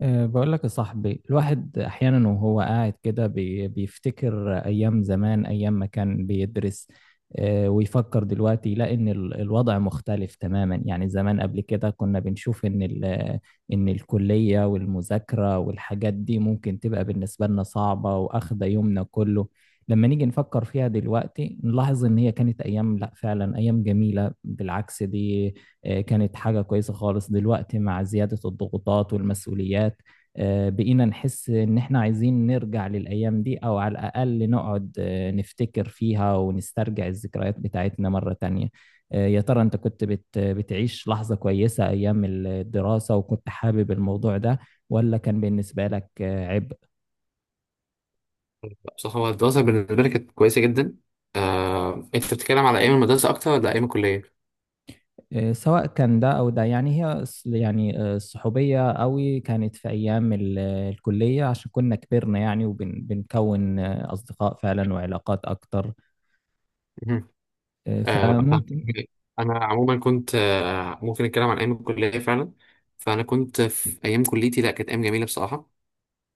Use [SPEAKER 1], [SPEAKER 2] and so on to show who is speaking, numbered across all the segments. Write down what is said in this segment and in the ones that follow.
[SPEAKER 1] بقول لك يا صاحبي، الواحد أحيانا وهو قاعد كده بيفتكر أيام زمان، أيام ما كان بيدرس. ويفكر دلوقتي يلاقي إن الوضع مختلف تماما. يعني زمان قبل كده كنا بنشوف إن الكلية والمذاكرة والحاجات دي ممكن تبقى بالنسبة لنا صعبة وأخدة يومنا كله. لما نيجي نفكر فيها دلوقتي نلاحظ إن هي كانت أيام، لا فعلا، أيام جميلة. بالعكس، دي كانت حاجة كويسة خالص. دلوقتي مع زيادة الضغوطات والمسؤوليات بقينا نحس إن إحنا عايزين نرجع للأيام دي، أو على الأقل نقعد نفتكر فيها ونسترجع الذكريات بتاعتنا مرة تانية. يا ترى أنت كنت بتعيش لحظة كويسة أيام الدراسة وكنت حابب الموضوع ده، ولا كان بالنسبة لك عبء؟
[SPEAKER 2] بص هو الدراسة بالنسبة لي كانت كويسة جدا. أنت بتتكلم على أيام المدرسة أكتر ولا أيام الكلية؟
[SPEAKER 1] سواء كان ده أو ده، يعني هي يعني الصحوبية قوي كانت في أيام الكلية، عشان كنا كبرنا يعني، وبنكون أصدقاء فعلا وعلاقات أكتر.
[SPEAKER 2] مهم.
[SPEAKER 1] فممكن.
[SPEAKER 2] فهمتك. أنا عموما كنت ممكن أتكلم عن أيام الكلية فعلا. فأنا كنت في أيام كليتي، لا كانت أيام جميلة بصراحة.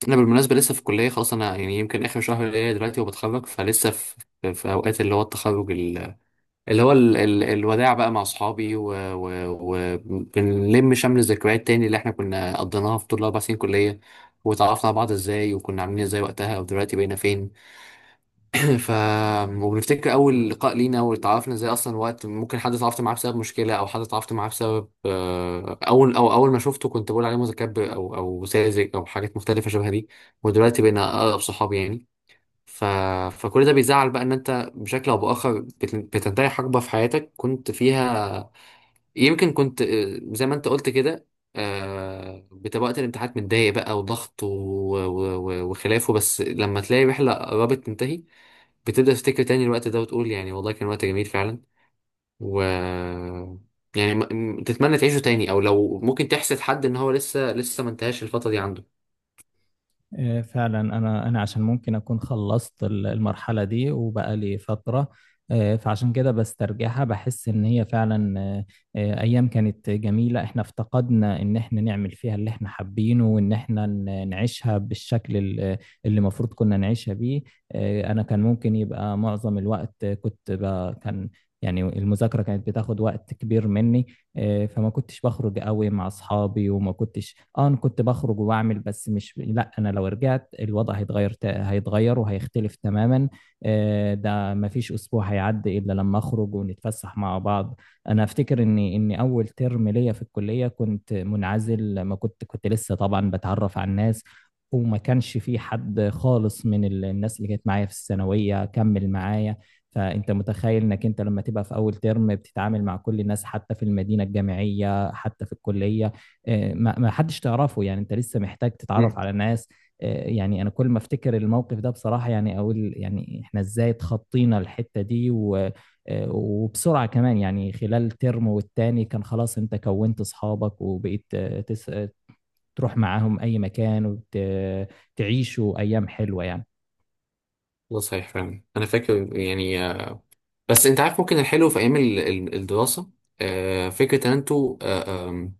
[SPEAKER 2] أنا بالمناسبة لسه في الكلية، خلاص أنا يعني يمكن آخر شهر ليا دلوقتي وبتخرج، فلسه في في أوقات اللي هو التخرج، اللي هو ال الوداع بقى مع اصحابي، وبنلم شمل الذكريات تاني اللي احنا كنا قضيناها في طول الاربع سنين كليه، وتعرفنا على بعض ازاي وكنا عاملين ازاي وقتها ودلوقتي بقينا فين. ف وبنفتكر اول لقاء لينا واتعرفنا ازاي اصلا، وقت ممكن حد اتعرفت معاه بسبب مشكله او حد اتعرفت معاه بسبب اول او اول ما شفته كنت بقول عليه متكبر او ساذج او حاجات مختلفه شبه دي. ودلوقتي بقينا اقرب صحاب يعني. ف... فكل ده بيزعل بقى ان انت بشكل او باخر بتنتهي حقبه في حياتك كنت فيها. يمكن كنت زي ما انت قلت كده، بتبقى وقت الامتحانات متضايق بقى وضغط وخلافه، بس لما تلاقي رحله قربت تنتهي بتبدا تفتكر تاني الوقت ده وتقول يعني والله كان وقت جميل فعلا. و يعني م... م- تتمنى تعيشه تاني او لو ممكن تحسد حد ان هو لسه ما انتهاش الفتره دي عنده.
[SPEAKER 1] فعلا انا عشان ممكن اكون خلصت المرحله دي وبقى لي فتره. فعشان كده بسترجعها بحس ان هي فعلا. ايام كانت جميله، احنا افتقدنا ان احنا نعمل فيها اللي احنا حابينه، وان احنا نعيشها بالشكل اللي المفروض كنا نعيشها بيه. انا كان ممكن يبقى معظم الوقت كنت كان يعني المذاكره كانت بتاخد وقت كبير مني. فما كنتش بخرج قوي مع اصحابي، وما كنتش انا كنت بخرج وبعمل، بس مش لا، انا لو رجعت الوضع هيتغير هيتغير وهيختلف تماما. ده ما فيش اسبوع هيعدي الا لما اخرج ونتفسح مع بعض. انا افتكر اني اول ترم ليا في الكلية كنت منعزل. ما كنت لسه طبعا بتعرف على الناس، وما كانش في حد خالص من الناس اللي كانت معايا في الثانوية كمل معايا. فانت متخيل انك انت لما تبقى في اول ترم بتتعامل مع كل الناس، حتى في المدينه الجامعيه، حتى في الكليه. ما حدش تعرفه. يعني انت لسه محتاج تتعرف
[SPEAKER 2] مم.
[SPEAKER 1] على ناس. يعني انا كل ما افتكر الموقف ده بصراحه، يعني اقول يعني احنا ازاي اتخطينا الحته دي، و وبسرعه كمان. يعني خلال ترم والتاني كان خلاص، انت كونت اصحابك، وبقيت تروح معاهم اي مكان وتعيشوا ايام حلوه يعني.
[SPEAKER 2] ده صحيح فعلا انا فاكر يعني. بس انت عارف ممكن الحلو في ايام الدراسه، فكره ان انتوا آه، آم،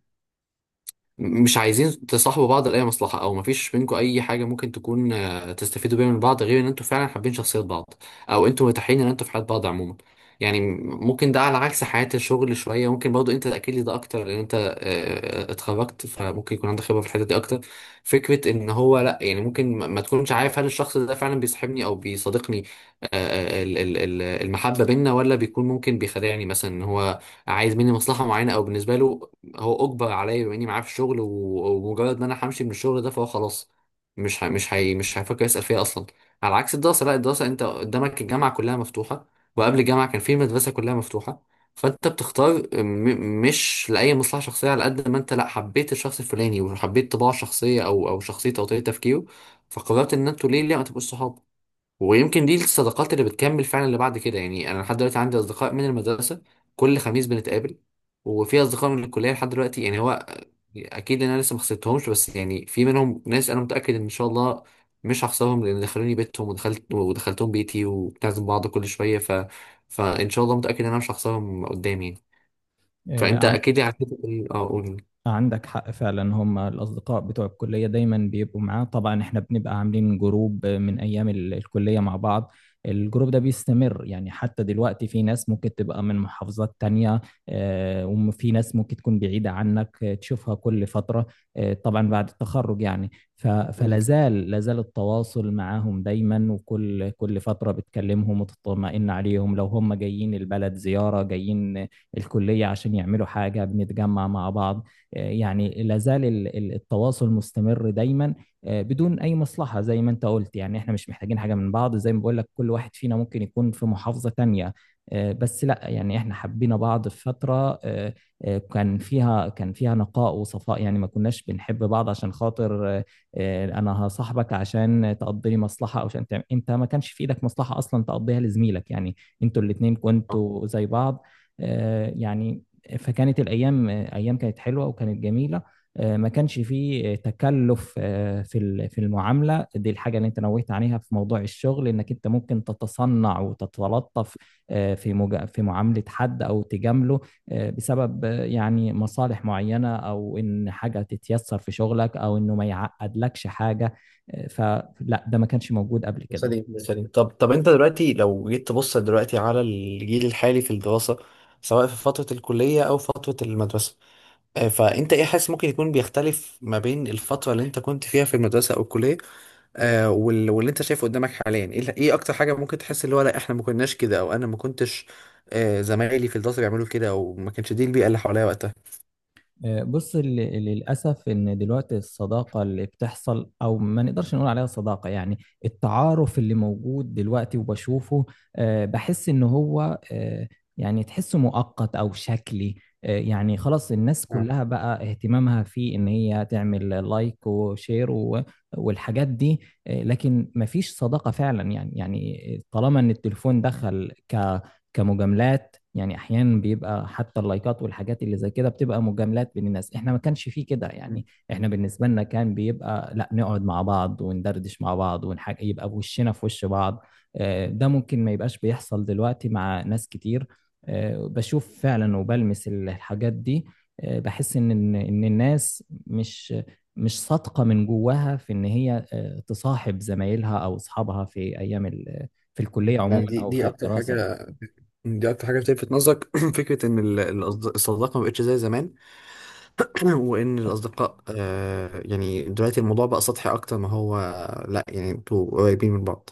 [SPEAKER 2] مش عايزين تصاحبوا بعض لأي مصلحة، أو مفيش بينكم أي حاجة ممكن تكون تستفيدوا بيها من بعض، غير إن أنتوا فعلا حابين شخصيات بعض، أو أنتوا متاحين إن أنتوا في حياة بعض عموما. يعني ممكن ده على عكس حياة الشغل شوية، ممكن برضو أنت تأكد لي ده أكتر لأن أنت اتخرجت فممكن يكون عندك خبرة في الحتة دي أكتر. فكرة إن هو لأ، يعني ممكن ما تكونش عارف هل الشخص ده فعلا بيصاحبني أو بيصادقني المحبة بينا، ولا بيكون ممكن بيخدعني مثلا إن هو عايز مني مصلحة معينة، أو بالنسبة له هو اجبر عليا بما اني معاه في الشغل ومجرد ما انا همشي من الشغل ده فهو خلاص مش ه... مش هي... مش هيفكر يسأل فيها اصلا. على عكس الدراسه، لا الدراسه انت قدامك الجامعه كلها مفتوحه، وقبل الجامعه كان في المدرسه كلها مفتوحه، فانت بتختار مش لاي مصلحه شخصيه، على قد ما انت لا حبيت الشخص الفلاني وحبيت طباعه الشخصيه او شخصيته او طريقه تفكيره، فقررت ان انتوا ليه ما تبقوش صحاب. ويمكن دي الصداقات اللي بتكمل فعلا اللي بعد كده، يعني انا لحد دلوقتي عندي اصدقاء من المدرسه، كل خميس بنتقابل، وفي اصدقاء من الكليه لحد دلوقتي. يعني هو اكيد إن انا لسه ما خسرتهمش، بس يعني في منهم ناس انا متاكد ان شاء الله مش هخسرهم، لان دخلوني بيتهم ودخلتهم بيتي وبنعزم بعض كل شويه. فان شاء الله متاكد ان انا مش هخسرهم قدامي. فانت
[SPEAKER 1] آه،
[SPEAKER 2] اكيد عديت قول.
[SPEAKER 1] عندك حق فعلا، هم الأصدقاء بتوع الكلية دايما بيبقوا معاه. طبعا احنا بنبقى عاملين جروب من أيام الكلية مع بعض. الجروب ده بيستمر يعني حتى دلوقتي، في ناس ممكن تبقى من محافظات تانية. وفي ناس ممكن تكون بعيدة عنك تشوفها كل فترة، طبعا بعد التخرج يعني. فلازال التواصل معاهم دايما، وكل فترة بتكلمهم وتطمئن عليهم. لو هم جايين البلد زيارة جايين الكلية عشان يعملوا حاجة بنتجمع مع بعض. يعني لا زال التواصل مستمر دايما. بدون اي مصلحه، زي ما انت قلت. يعني احنا مش محتاجين حاجه من بعض. زي ما بقول لك، كل واحد فينا ممكن يكون في محافظه تانية. بس لا، يعني احنا حبينا بعض في فتره كان فيها نقاء وصفاء. يعني ما كناش بنحب بعض عشان خاطر انا هصاحبك عشان تقضي لي مصلحه، او عشان تعمل انت. ما كانش في ايدك مصلحه اصلا تقضيها لزميلك يعني. انتوا الاتنين كنتوا زي بعض يعني. فكانت الايام ايام كانت حلوه وكانت جميله. ما كانش فيه تكلف في في المعامله دي، الحاجه اللي انت نوهت عليها في موضوع الشغل، انك انت ممكن تتصنع وتتلطف في في معامله حد، او تجامله بسبب يعني مصالح معينه، او ان حاجه تتيسر في شغلك، او انه ما يعقدلكش حاجه. فلا، ده ما كانش موجود قبل كده.
[SPEAKER 2] سليم سليم. طب انت دلوقتي لو جيت تبص دلوقتي على الجيل الحالي في الدراسة، سواء في فترة الكلية أو فترة المدرسة، فأنت إيه حاسس ممكن يكون بيختلف ما بين الفترة اللي أنت كنت فيها في المدرسة أو الكلية، واللي أنت شايفه قدامك حاليا؟ إيه إيه أكتر حاجة ممكن تحس اللي هو لا إحنا ما كناش كده، أو أنا ما كنتش زمايلي في الدراسة بيعملوا كده، أو ما كانش دي البيئة اللي حواليا وقتها.
[SPEAKER 1] بص، للأسف إن دلوقتي الصداقة اللي بتحصل، أو ما نقدرش نقول عليها صداقة يعني، التعارف اللي موجود دلوقتي وبشوفه بحس إن هو يعني تحسه مؤقت أو شكلي. يعني خلاص، الناس
[SPEAKER 2] اه.
[SPEAKER 1] كلها بقى اهتمامها في إن هي تعمل لايك وشير والحاجات دي. لكن مفيش صداقة فعلا. يعني طالما إن التليفون دخل كمجاملات. يعني احيانا بيبقى حتى اللايكات والحاجات اللي زي كده بتبقى مجاملات بين الناس. احنا ما كانش فيه كده
[SPEAKER 2] م-
[SPEAKER 1] يعني. احنا بالنسبه لنا كان بيبقى، لا، نقعد مع بعض وندردش مع بعض ونحاج، يبقى وشنا في وش بعض. ده ممكن ما يبقاش بيحصل دلوقتي مع ناس كتير. بشوف فعلا وبلمس الحاجات دي. بحس ان إن الناس مش صادقه من جواها في ان هي تصاحب زمايلها او اصحابها في ايام في
[SPEAKER 2] م.
[SPEAKER 1] الكليه عموما،
[SPEAKER 2] يعني دي
[SPEAKER 1] او في
[SPEAKER 2] دي أكتر
[SPEAKER 1] الدراسه.
[SPEAKER 2] حاجة، دي أكتر حاجة بتلفت نظرك. فكرة إن الصداقة ما بقتش زي زمان. وان الاصدقاء آه يعني دلوقتي الموضوع بقى سطحي اكتر ما هو، لا يعني انتوا قريبين من بعض.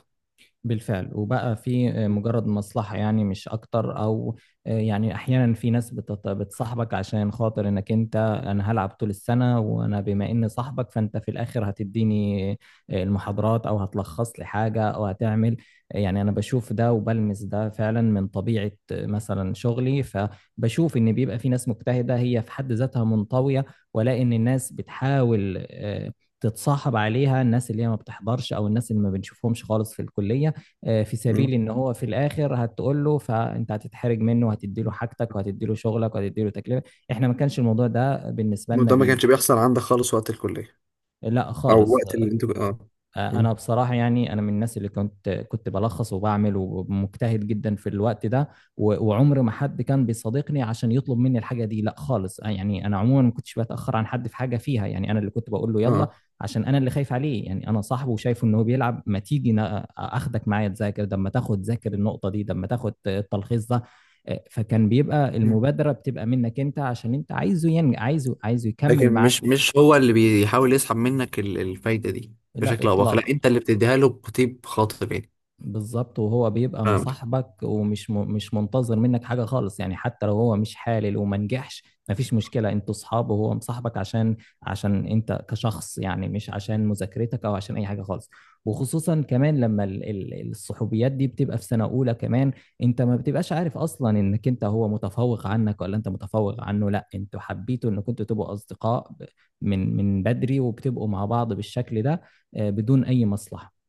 [SPEAKER 1] بالفعل، وبقى في مجرد مصلحة، يعني مش أكتر. أو يعني أحيانا في ناس بتصاحبك عشان خاطر إنك أنت، أنا هلعب طول السنة، وأنا بما إني صاحبك فأنت في الآخر هتديني المحاضرات، أو هتلخص لي حاجة، أو هتعمل. يعني أنا بشوف ده وبلمس ده فعلا من طبيعة مثلا شغلي. فبشوف إن بيبقى في ناس مجتهدة، هي في حد ذاتها منطوية، ولا إن الناس بتحاول تتصاحب عليها. الناس اللي هي ما بتحضرش، أو الناس اللي ما بنشوفهمش خالص في الكلية في
[SPEAKER 2] مم.
[SPEAKER 1] سبيل ان هو في الاخر هتقول له، فانت هتتحرج منه، وهتدي له حاجتك، وهتدي له شغلك، وهتدي له تكلفه. احنا ما كانش الموضوع ده بالنسبه لنا
[SPEAKER 2] وده ما كانش بيحصل عندك خالص وقت الكلية
[SPEAKER 1] لا
[SPEAKER 2] او
[SPEAKER 1] خالص.
[SPEAKER 2] وقت اللي انتوا اه. مم.
[SPEAKER 1] انا بصراحه، يعني انا من الناس اللي كنت بلخص وبعمل ومجتهد جدا في الوقت ده. وعمر ما حد كان بيصادقني عشان يطلب مني الحاجه دي، لا خالص. يعني انا عموما ما كنتش بتاخر عن حد في حاجه فيها. يعني انا اللي كنت بقول له يلا،
[SPEAKER 2] اه.
[SPEAKER 1] عشان انا اللي خايف عليه. يعني انا صاحبه وشايفه ان هو بيلعب. ما تيجي اخدك معايا تذاكر ده، اما تاخد ذاكر النقطه دي، ده اما تاخد التلخيص ده. فكان بيبقى
[SPEAKER 2] مم.
[SPEAKER 1] المبادره بتبقى منك انت، عشان انت عايزه ينجح، عايزه
[SPEAKER 2] لكن
[SPEAKER 1] يكمل معاك.
[SPEAKER 2] مش هو اللي بيحاول يسحب منك الفايدة دي
[SPEAKER 1] لا
[SPEAKER 2] بشكل او باخر، لا
[SPEAKER 1] اطلاق.
[SPEAKER 2] انت اللي بتديها له بطيب خاطر يعني.
[SPEAKER 1] بالظبط، وهو بيبقى
[SPEAKER 2] فهمتك.
[SPEAKER 1] مصاحبك، ومش مش منتظر منك حاجة خالص. يعني حتى لو هو مش حالل وما نجحش مفيش مشكلة، انتوا صحاب، وهو مصاحبك عشان انت كشخص، يعني مش عشان مذاكرتك او عشان اي حاجة خالص. وخصوصا كمان لما الصحوبيات دي بتبقى في سنة اولى كمان، انت ما بتبقاش عارف اصلا انك انت هو متفوق عنك، ولا انت متفوق عنه. لا، انتوا حبيتوا انكم انتوا تبقوا اصدقاء من بدري، وبتبقوا مع بعض بالشكل ده بدون اي مصلحة.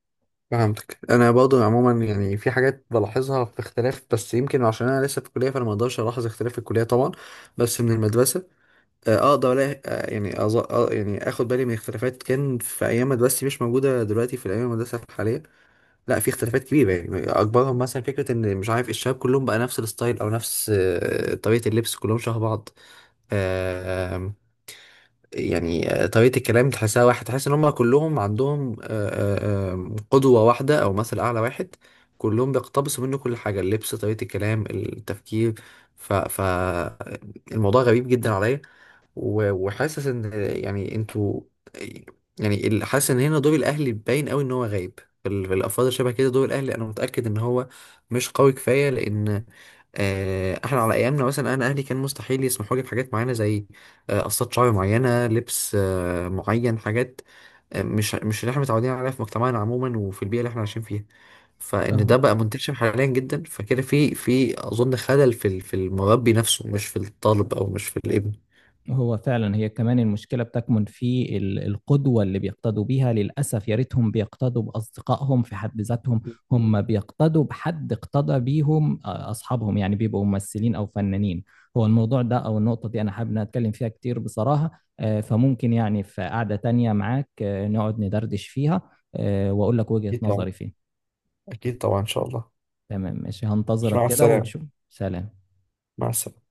[SPEAKER 2] فهمتك. انا برضه عموما يعني في حاجات بلاحظها في اختلاف، بس يمكن عشان انا لسه في الكليه فانا ما اقدرش الاحظ اختلاف في الكليه طبعا، بس من المدرسه اقدر ألاقي- آه، يعني أظ... آه، يعني اخد بالي من اختلافات كان في ايام مدرستي مش موجوده دلوقتي في الايام المدرسه الحاليه. لا في اختلافات كبيره، يعني اكبرهم مثلا فكره ان مش عارف الشباب كلهم بقى نفس الستايل او نفس طريقه اللبس، كلهم شبه بعض. آه، آم، يعني طريقه الكلام تحسها واحد، تحس ان هم كلهم عندهم آه، آه، آم، قدوه واحده او مثل اعلى واحد، كلهم بيقتبسوا منه كل حاجه، اللبس طريقه الكلام التفكير. ف... ف الموضوع غريب جدا عليا. وحاسس ان يعني انتوا يعني حاسس ان هنا دور الاهلي باين قوي ان هو غايب في في الافراد شبه كده، دور الاهلي انا متاكد ان هو مش قوي كفايه، لان احنا على ايامنا مثلا انا اهلي كان مستحيل يسمحوا لي بحاجات معينه، زي قصات شعر معينه، لبس معين، حاجات مش اللي احنا متعودين عليها في مجتمعنا عموما وفي البيئه اللي احنا عايشين فيها. فان ده
[SPEAKER 1] اهو،
[SPEAKER 2] بقى منتشر حاليا جدا، فكده في في اظن خلل في في المربي نفسه، مش في الطالب او مش في الابن.
[SPEAKER 1] هو فعلا هي كمان المشكلة بتكمن في القدوة اللي بيقتدوا بيها. للأسف، يا ريتهم بيقتدوا بأصدقائهم في حد ذاتهم. هم بيقتدوا بحد اقتدى بيهم أصحابهم يعني بيبقوا ممثلين أو فنانين. هو الموضوع ده أو النقطة دي أنا حابب إن أنا أتكلم فيها كتير بصراحة. فممكن يعني في قعدة تانية معاك نقعد ندردش فيها، وأقول لك وجهة نظري فيه.
[SPEAKER 2] أكيد طبعا إن شاء الله.
[SPEAKER 1] تمام، ماشي، هنتظرك
[SPEAKER 2] مع
[SPEAKER 1] كده
[SPEAKER 2] السلامة.
[SPEAKER 1] وتشوف. سلام.
[SPEAKER 2] مع السلامة.